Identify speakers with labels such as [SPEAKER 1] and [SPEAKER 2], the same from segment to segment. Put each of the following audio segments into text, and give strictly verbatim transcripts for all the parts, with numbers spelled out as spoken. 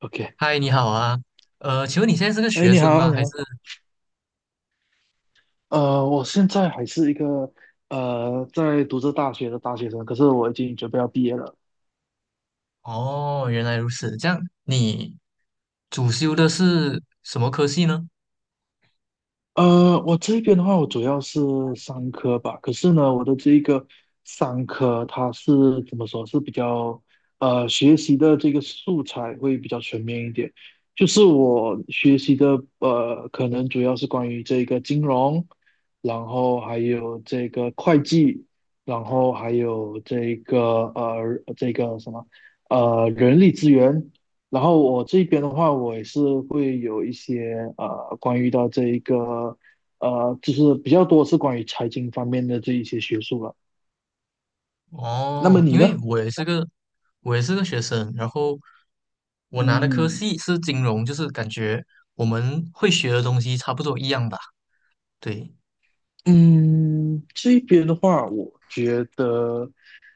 [SPEAKER 1] OK，
[SPEAKER 2] 嗨，你好啊，呃，请问你现在是个
[SPEAKER 1] 哎，
[SPEAKER 2] 学
[SPEAKER 1] 你
[SPEAKER 2] 生
[SPEAKER 1] 好，
[SPEAKER 2] 吗？
[SPEAKER 1] 你
[SPEAKER 2] 还是？
[SPEAKER 1] 好，呃，我现在还是一个呃在读着大学的大学生，可是我已经准备要毕业了。
[SPEAKER 2] 哦，原来如此，这样你主修的是什么科系呢？
[SPEAKER 1] 呃，我这边的话，我主要是商科吧。可是呢，我的这一个商科，它是怎么说，是比较呃学习的这个素材会比较全面一点。就是我学习的呃，可能主要是关于这个金融，然后还有这个会计，然后还有这个呃这个什么呃人力资源，然后我这边的话，我也是会有一些呃，关于到这一个呃，就是比较多是关于财经方面的这一些学术了。那么
[SPEAKER 2] 哦，
[SPEAKER 1] 你
[SPEAKER 2] 因为
[SPEAKER 1] 呢？
[SPEAKER 2] 我也是个，我也是个学生，然后我拿的科
[SPEAKER 1] 嗯
[SPEAKER 2] 系是金融，就是感觉我们会学的东西差不多一样吧？对，
[SPEAKER 1] 嗯，这边的话，我觉得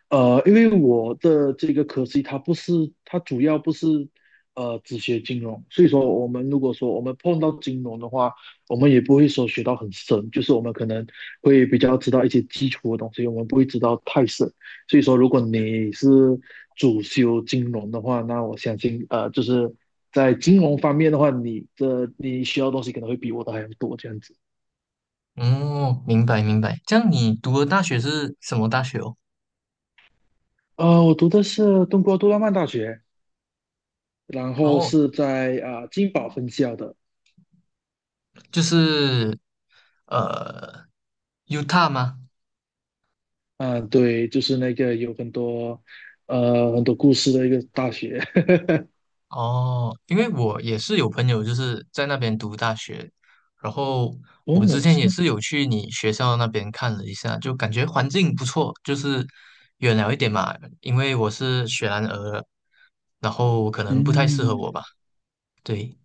[SPEAKER 1] 呃，因为我的这个科系它不是，它主要不是呃只学金融，所以说我们如果说我们碰到金融的话，我们也不会说学到很深，就是我们可能会比较知道一些基础的东西，我们不会知道太深。所以说，如果你是主修金融的话，那我相信呃就是在金融方面的话，你的你需要的东西可能会比我的还要多这样子。
[SPEAKER 2] 哦，明白明白。这样你读的大学是什么大学哦？
[SPEAKER 1] 呃，我读的是中国杜拉曼大学，然后
[SPEAKER 2] 哦，
[SPEAKER 1] 是在啊、呃、金宝分校的。
[SPEAKER 2] 就是呃 u t a 吗？
[SPEAKER 1] 嗯，对，就是那个有很多呃很多故事的一个大学。
[SPEAKER 2] 哦，因为我也是有朋友就是在那边读大学，然后我之
[SPEAKER 1] 哦，
[SPEAKER 2] 前
[SPEAKER 1] 是
[SPEAKER 2] 也
[SPEAKER 1] 吗？
[SPEAKER 2] 是有去你学校那边看了一下，就感觉环境不错，就是远了一点嘛，因为我是雪兰莪的然后可能不太适合我
[SPEAKER 1] 嗯，
[SPEAKER 2] 吧。对，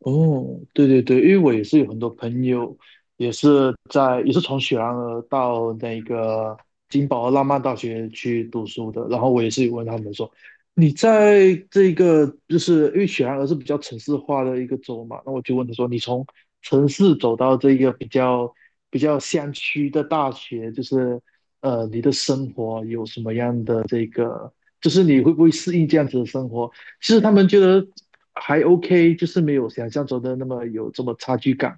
[SPEAKER 1] 哦，对对对，因为我也是有很多朋友，也是在也是从雪兰莪到那个金宝浪漫大学去读书的，然后我也是有问他们说，你在这个就是因为雪兰莪是比较城市化的一个州嘛，那我就问他说，你从城市走到这个比较比较乡区的大学，就是呃，你的生活有什么样的这个，就是你会不会适应这样子的生活？其实他们觉得还 OK，就是没有想象中的那么有这么差距感。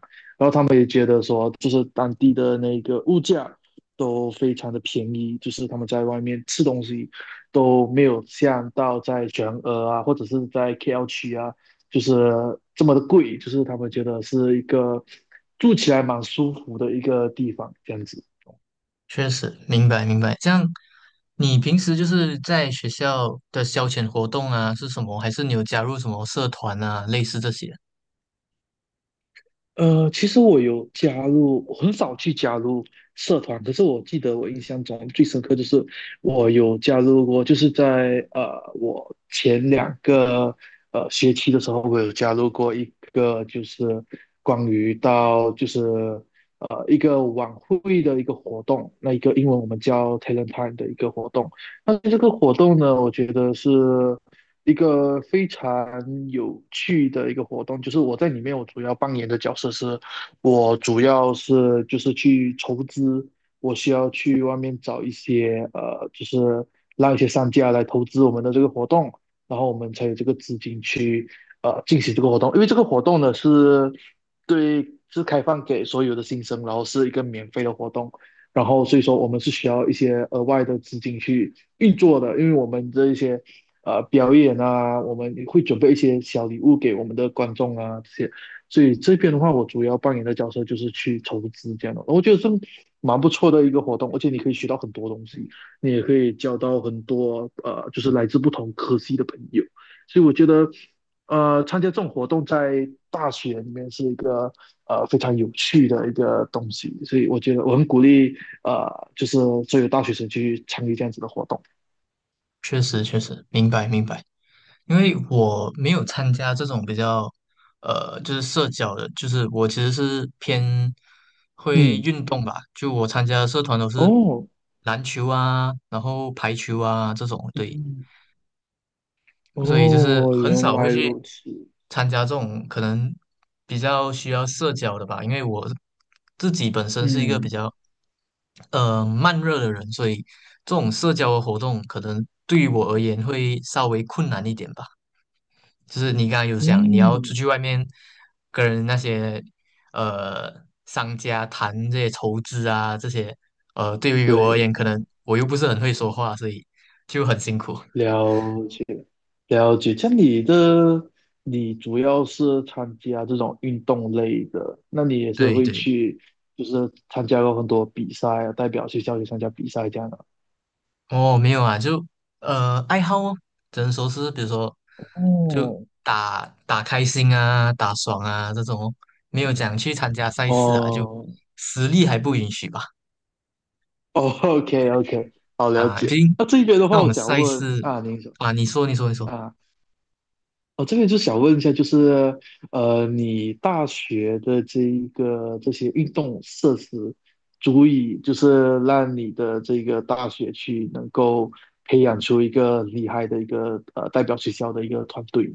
[SPEAKER 1] 他们也觉得说，就是当地的那个物价都非常的便宜，就是他们在外面吃东西都没有像到在全俄啊，或者是在 K L 区啊，就是这么的贵。就是他们觉得是一个住起来蛮舒服的一个地方，这样子。
[SPEAKER 2] 确实，明白明白。这样，你平时就是在学校的消遣活动啊，是什么？还是你有加入什么社团啊，类似这些？
[SPEAKER 1] 呃，其实我有加入，我很少去加入社团，可是我记得我印象中最深刻就是我有加入过，就是在呃我前两个呃学期的时候，我有加入过一个就是关于到就是呃一个晚会的一个活动，那一个英文我们叫 Talent Time 的一个活动。那这个活动呢，我觉得是一个非常有趣的一个活动，就是我在里面我主要扮演的角色是，我主要是就是去筹资，我需要去外面找一些呃，就是让一些商家来投资我们的这个活动，然后我们才有这个资金去呃进行这个活动，因为这个活动呢是，对，是开放给所有的新生，然后是一个免费的活动。然后所以说我们是需要一些额外的资金去运作的，因为我们这一些呃表演啊，我们会准备一些小礼物给我们的观众啊这些，所以这边的话，我主要扮演的角色就是去筹资这样的，我觉得是蛮不错的一个活动，而且你可以学到很多东西，你也可以交到很多呃就是来自不同科系的朋友，所以我觉得呃，参加这种活动在大学里面是一个呃非常有趣的一个东西，所以我觉得我很鼓励呃，就是作为大学生去参与这样子的活动。
[SPEAKER 2] 确实确实，明白明白。因为我没有参加这种比较，呃，就是社交的，就是我其实是偏会
[SPEAKER 1] 嗯，
[SPEAKER 2] 运动吧，就我参加的社团都是
[SPEAKER 1] 哦，
[SPEAKER 2] 篮球啊，然后排球啊这种，对，
[SPEAKER 1] 嗯，
[SPEAKER 2] 所以就是
[SPEAKER 1] 哦，
[SPEAKER 2] 很
[SPEAKER 1] 原
[SPEAKER 2] 少会
[SPEAKER 1] 来
[SPEAKER 2] 去
[SPEAKER 1] 如此。
[SPEAKER 2] 参加这种可能比较需要社交的吧，因为我自己本身是一个比
[SPEAKER 1] 嗯
[SPEAKER 2] 较呃慢热的人，所以这种社交的活动可能对于我而言会稍微困难一点吧。就是你刚才有讲，你要出
[SPEAKER 1] 嗯，
[SPEAKER 2] 去外面跟那些呃商家谈这些筹资啊，这些呃，对于我而
[SPEAKER 1] 对，
[SPEAKER 2] 言，可能我又不是很会说话，所以就很辛苦。
[SPEAKER 1] 了解了解。像你的，你主要是参加这种运动类的，那你也是
[SPEAKER 2] 对
[SPEAKER 1] 会
[SPEAKER 2] 对，
[SPEAKER 1] 去，就是参加过很多比赛啊，代表学校去参加比赛这样的。
[SPEAKER 2] 哦，没有啊，就呃爱好哦，只能说是比如说就
[SPEAKER 1] 哦，
[SPEAKER 2] 打打开心啊，打爽啊这种哦没有
[SPEAKER 1] 嗯，
[SPEAKER 2] 讲去参加赛事啊，就
[SPEAKER 1] 哦
[SPEAKER 2] 实力还不允许吧？
[SPEAKER 1] 哦，OK OK，好，了
[SPEAKER 2] 啊，毕
[SPEAKER 1] 解。
[SPEAKER 2] 竟
[SPEAKER 1] 那这边的
[SPEAKER 2] 那
[SPEAKER 1] 话，我
[SPEAKER 2] 种
[SPEAKER 1] 想
[SPEAKER 2] 赛
[SPEAKER 1] 问
[SPEAKER 2] 事
[SPEAKER 1] 啊，您说
[SPEAKER 2] 啊，你说你说你说，
[SPEAKER 1] 啊。哦，这边就想问一下，就是呃，你大学的这一个这些运动设施，足以就是让你的这个大学去能够培养出一个厉害的一个呃代表学校的一个团队吗？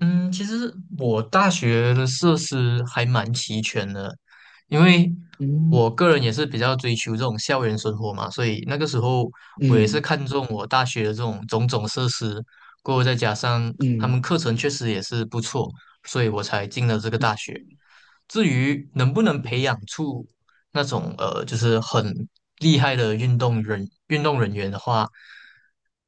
[SPEAKER 2] 嗯，其实我大学的设施还蛮齐全的，因为
[SPEAKER 1] 嗯
[SPEAKER 2] 我个人也是比较追求这种校园生活嘛，所以那个时候我也是
[SPEAKER 1] 嗯
[SPEAKER 2] 看中我大学的这种种种设施，过后再加上他
[SPEAKER 1] 嗯
[SPEAKER 2] 们课程确实也是不错，所以我才进了这个大学。至于能不能培
[SPEAKER 1] 嗯
[SPEAKER 2] 养出那种呃，就是很厉害的运动人运动人员的话，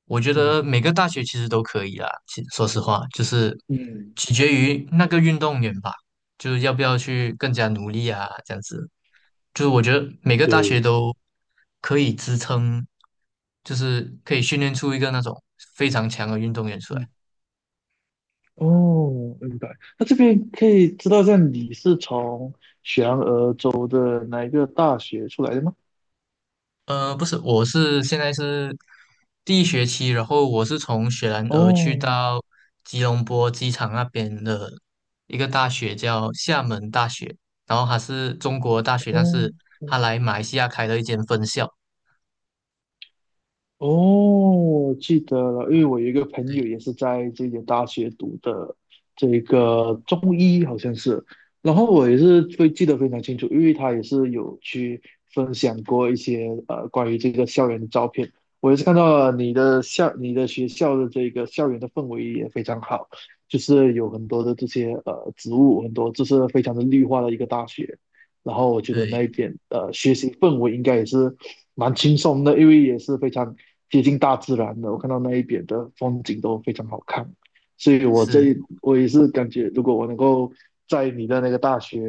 [SPEAKER 2] 我觉
[SPEAKER 1] 嗯
[SPEAKER 2] 得每个大学其实都可以啦。其说实话，就是
[SPEAKER 1] 嗯，
[SPEAKER 2] 取决于那个运动员吧，就是要不要去更加努力啊，这样子。就是我觉得每个大
[SPEAKER 1] 对
[SPEAKER 2] 学
[SPEAKER 1] 啊，
[SPEAKER 2] 都可以支撑，就是可以训练出一个那种非常强的运动员出来。
[SPEAKER 1] 嗯哦，明白。那这边可以知道一下你是从雪兰莪州的哪一个大学出来的吗？
[SPEAKER 2] 呃，不是，我是现在是第一学期，然后我是从雪兰莪去
[SPEAKER 1] 哦
[SPEAKER 2] 到吉隆坡机场那边的一个大学，叫厦门大学，然后它是中国大学，但是
[SPEAKER 1] 哦。
[SPEAKER 2] 它来马来西亚开了一间分校。
[SPEAKER 1] 哦，记得了，因为我有一个朋友
[SPEAKER 2] 对
[SPEAKER 1] 也是在这间大学读的这
[SPEAKER 2] 对
[SPEAKER 1] 个中医，好像是，然后我也是会记得非常清楚，因为他也是有去分享过一些呃关于这个校园的照片，我也是看到了你的校你的学校的这个校园的氛围也非常好，就是有很多的这些呃植物，很多就是非常的绿化的一个大学，然后我觉得
[SPEAKER 2] 对，
[SPEAKER 1] 那一点呃学习氛围应该也是蛮轻松的，因为也是非常接近大自然的。我看到那一边的风景都非常好看，所以我
[SPEAKER 2] 是，
[SPEAKER 1] 这我也是感觉，如果我能够在你的那个大学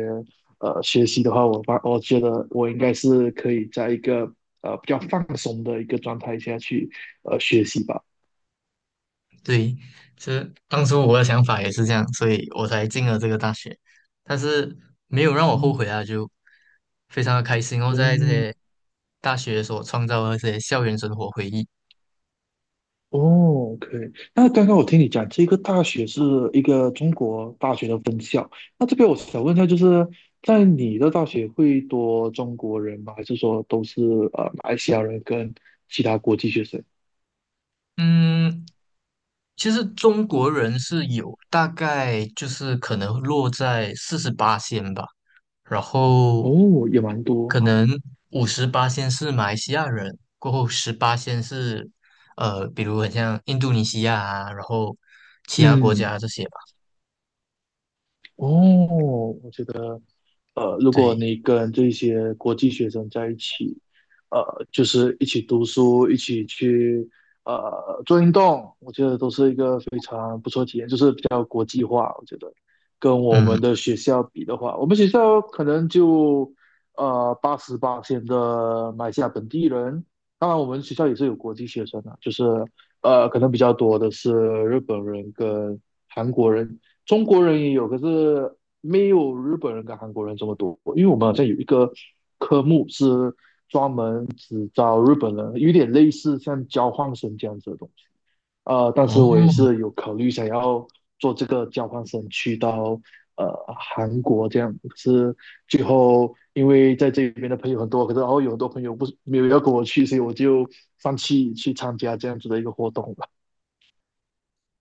[SPEAKER 1] 呃学习的话，我发我觉得我应该是可以在一个呃比较放松的一个状态下去呃学习吧。
[SPEAKER 2] 对，其实当初我的想法也是这样，所以我才进了这个大学，但是没有让我后
[SPEAKER 1] 嗯。
[SPEAKER 2] 悔啊，就非常的开心哦，在这
[SPEAKER 1] 嗯，
[SPEAKER 2] 些大学所创造的这些校园生活回忆。
[SPEAKER 1] 哦，OK。那刚刚我听你讲，这个大学是一个中国大学的分校。那这边我想问一下，就是在你的大学会多中国人吗？还是说都是呃马来西亚人跟其他国际学生？
[SPEAKER 2] 嗯，其实中国人是有大概就是可能落在四十八仙吧，然后
[SPEAKER 1] 哦，也蛮多。
[SPEAKER 2] 可能五十八仙是马来西亚人，过后十八仙是呃，比如很像印度尼西亚啊，然后其他国
[SPEAKER 1] 嗯，
[SPEAKER 2] 家这些吧。
[SPEAKER 1] 哦，我觉得呃，如果
[SPEAKER 2] 对，
[SPEAKER 1] 你跟这些国际学生在一起，呃，就是一起读书，一起去呃做运动，我觉得都是一个非常不错的体验，就是比较国际化。我觉得跟我
[SPEAKER 2] 嗯，
[SPEAKER 1] 们的学校比的话，我们学校可能就呃八十八线的马来西亚本地人，当然我们学校也是有国际学生的，就是呃可能比较多的是日本人跟韩国人，中国人也有，可是没有日本人跟韩国人这么多。因为我们好像有一个科目是专门只招日本人，有点类似像交换生这样子的东西。呃，但
[SPEAKER 2] 哦，
[SPEAKER 1] 是我也是有考虑想要做这个交换生去到呃韩国这样，可是最后因为在这边的朋友很多，可是然后有很多朋友不是没有要跟我去，所以我就放弃去参加这样子的一个活动了。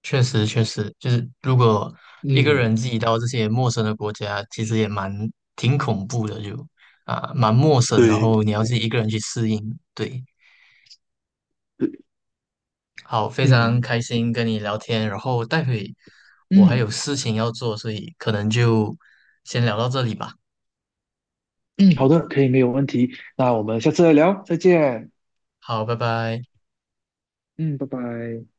[SPEAKER 2] 确实，确实，就是如果一个
[SPEAKER 1] 嗯，
[SPEAKER 2] 人自己到这些陌生的国家，其实也蛮挺恐怖的，就啊蛮陌生，然
[SPEAKER 1] 对，
[SPEAKER 2] 后你要自己一个人去适应。对，好，非常
[SPEAKER 1] 嗯
[SPEAKER 2] 开心跟你聊天，然后待会我还有
[SPEAKER 1] 嗯，
[SPEAKER 2] 事情要做，所以可能就先聊到这里吧。
[SPEAKER 1] 嗯，好的，可以，没有问题。那我们下次再聊，再见。
[SPEAKER 2] 好，拜拜。
[SPEAKER 1] 嗯，拜拜。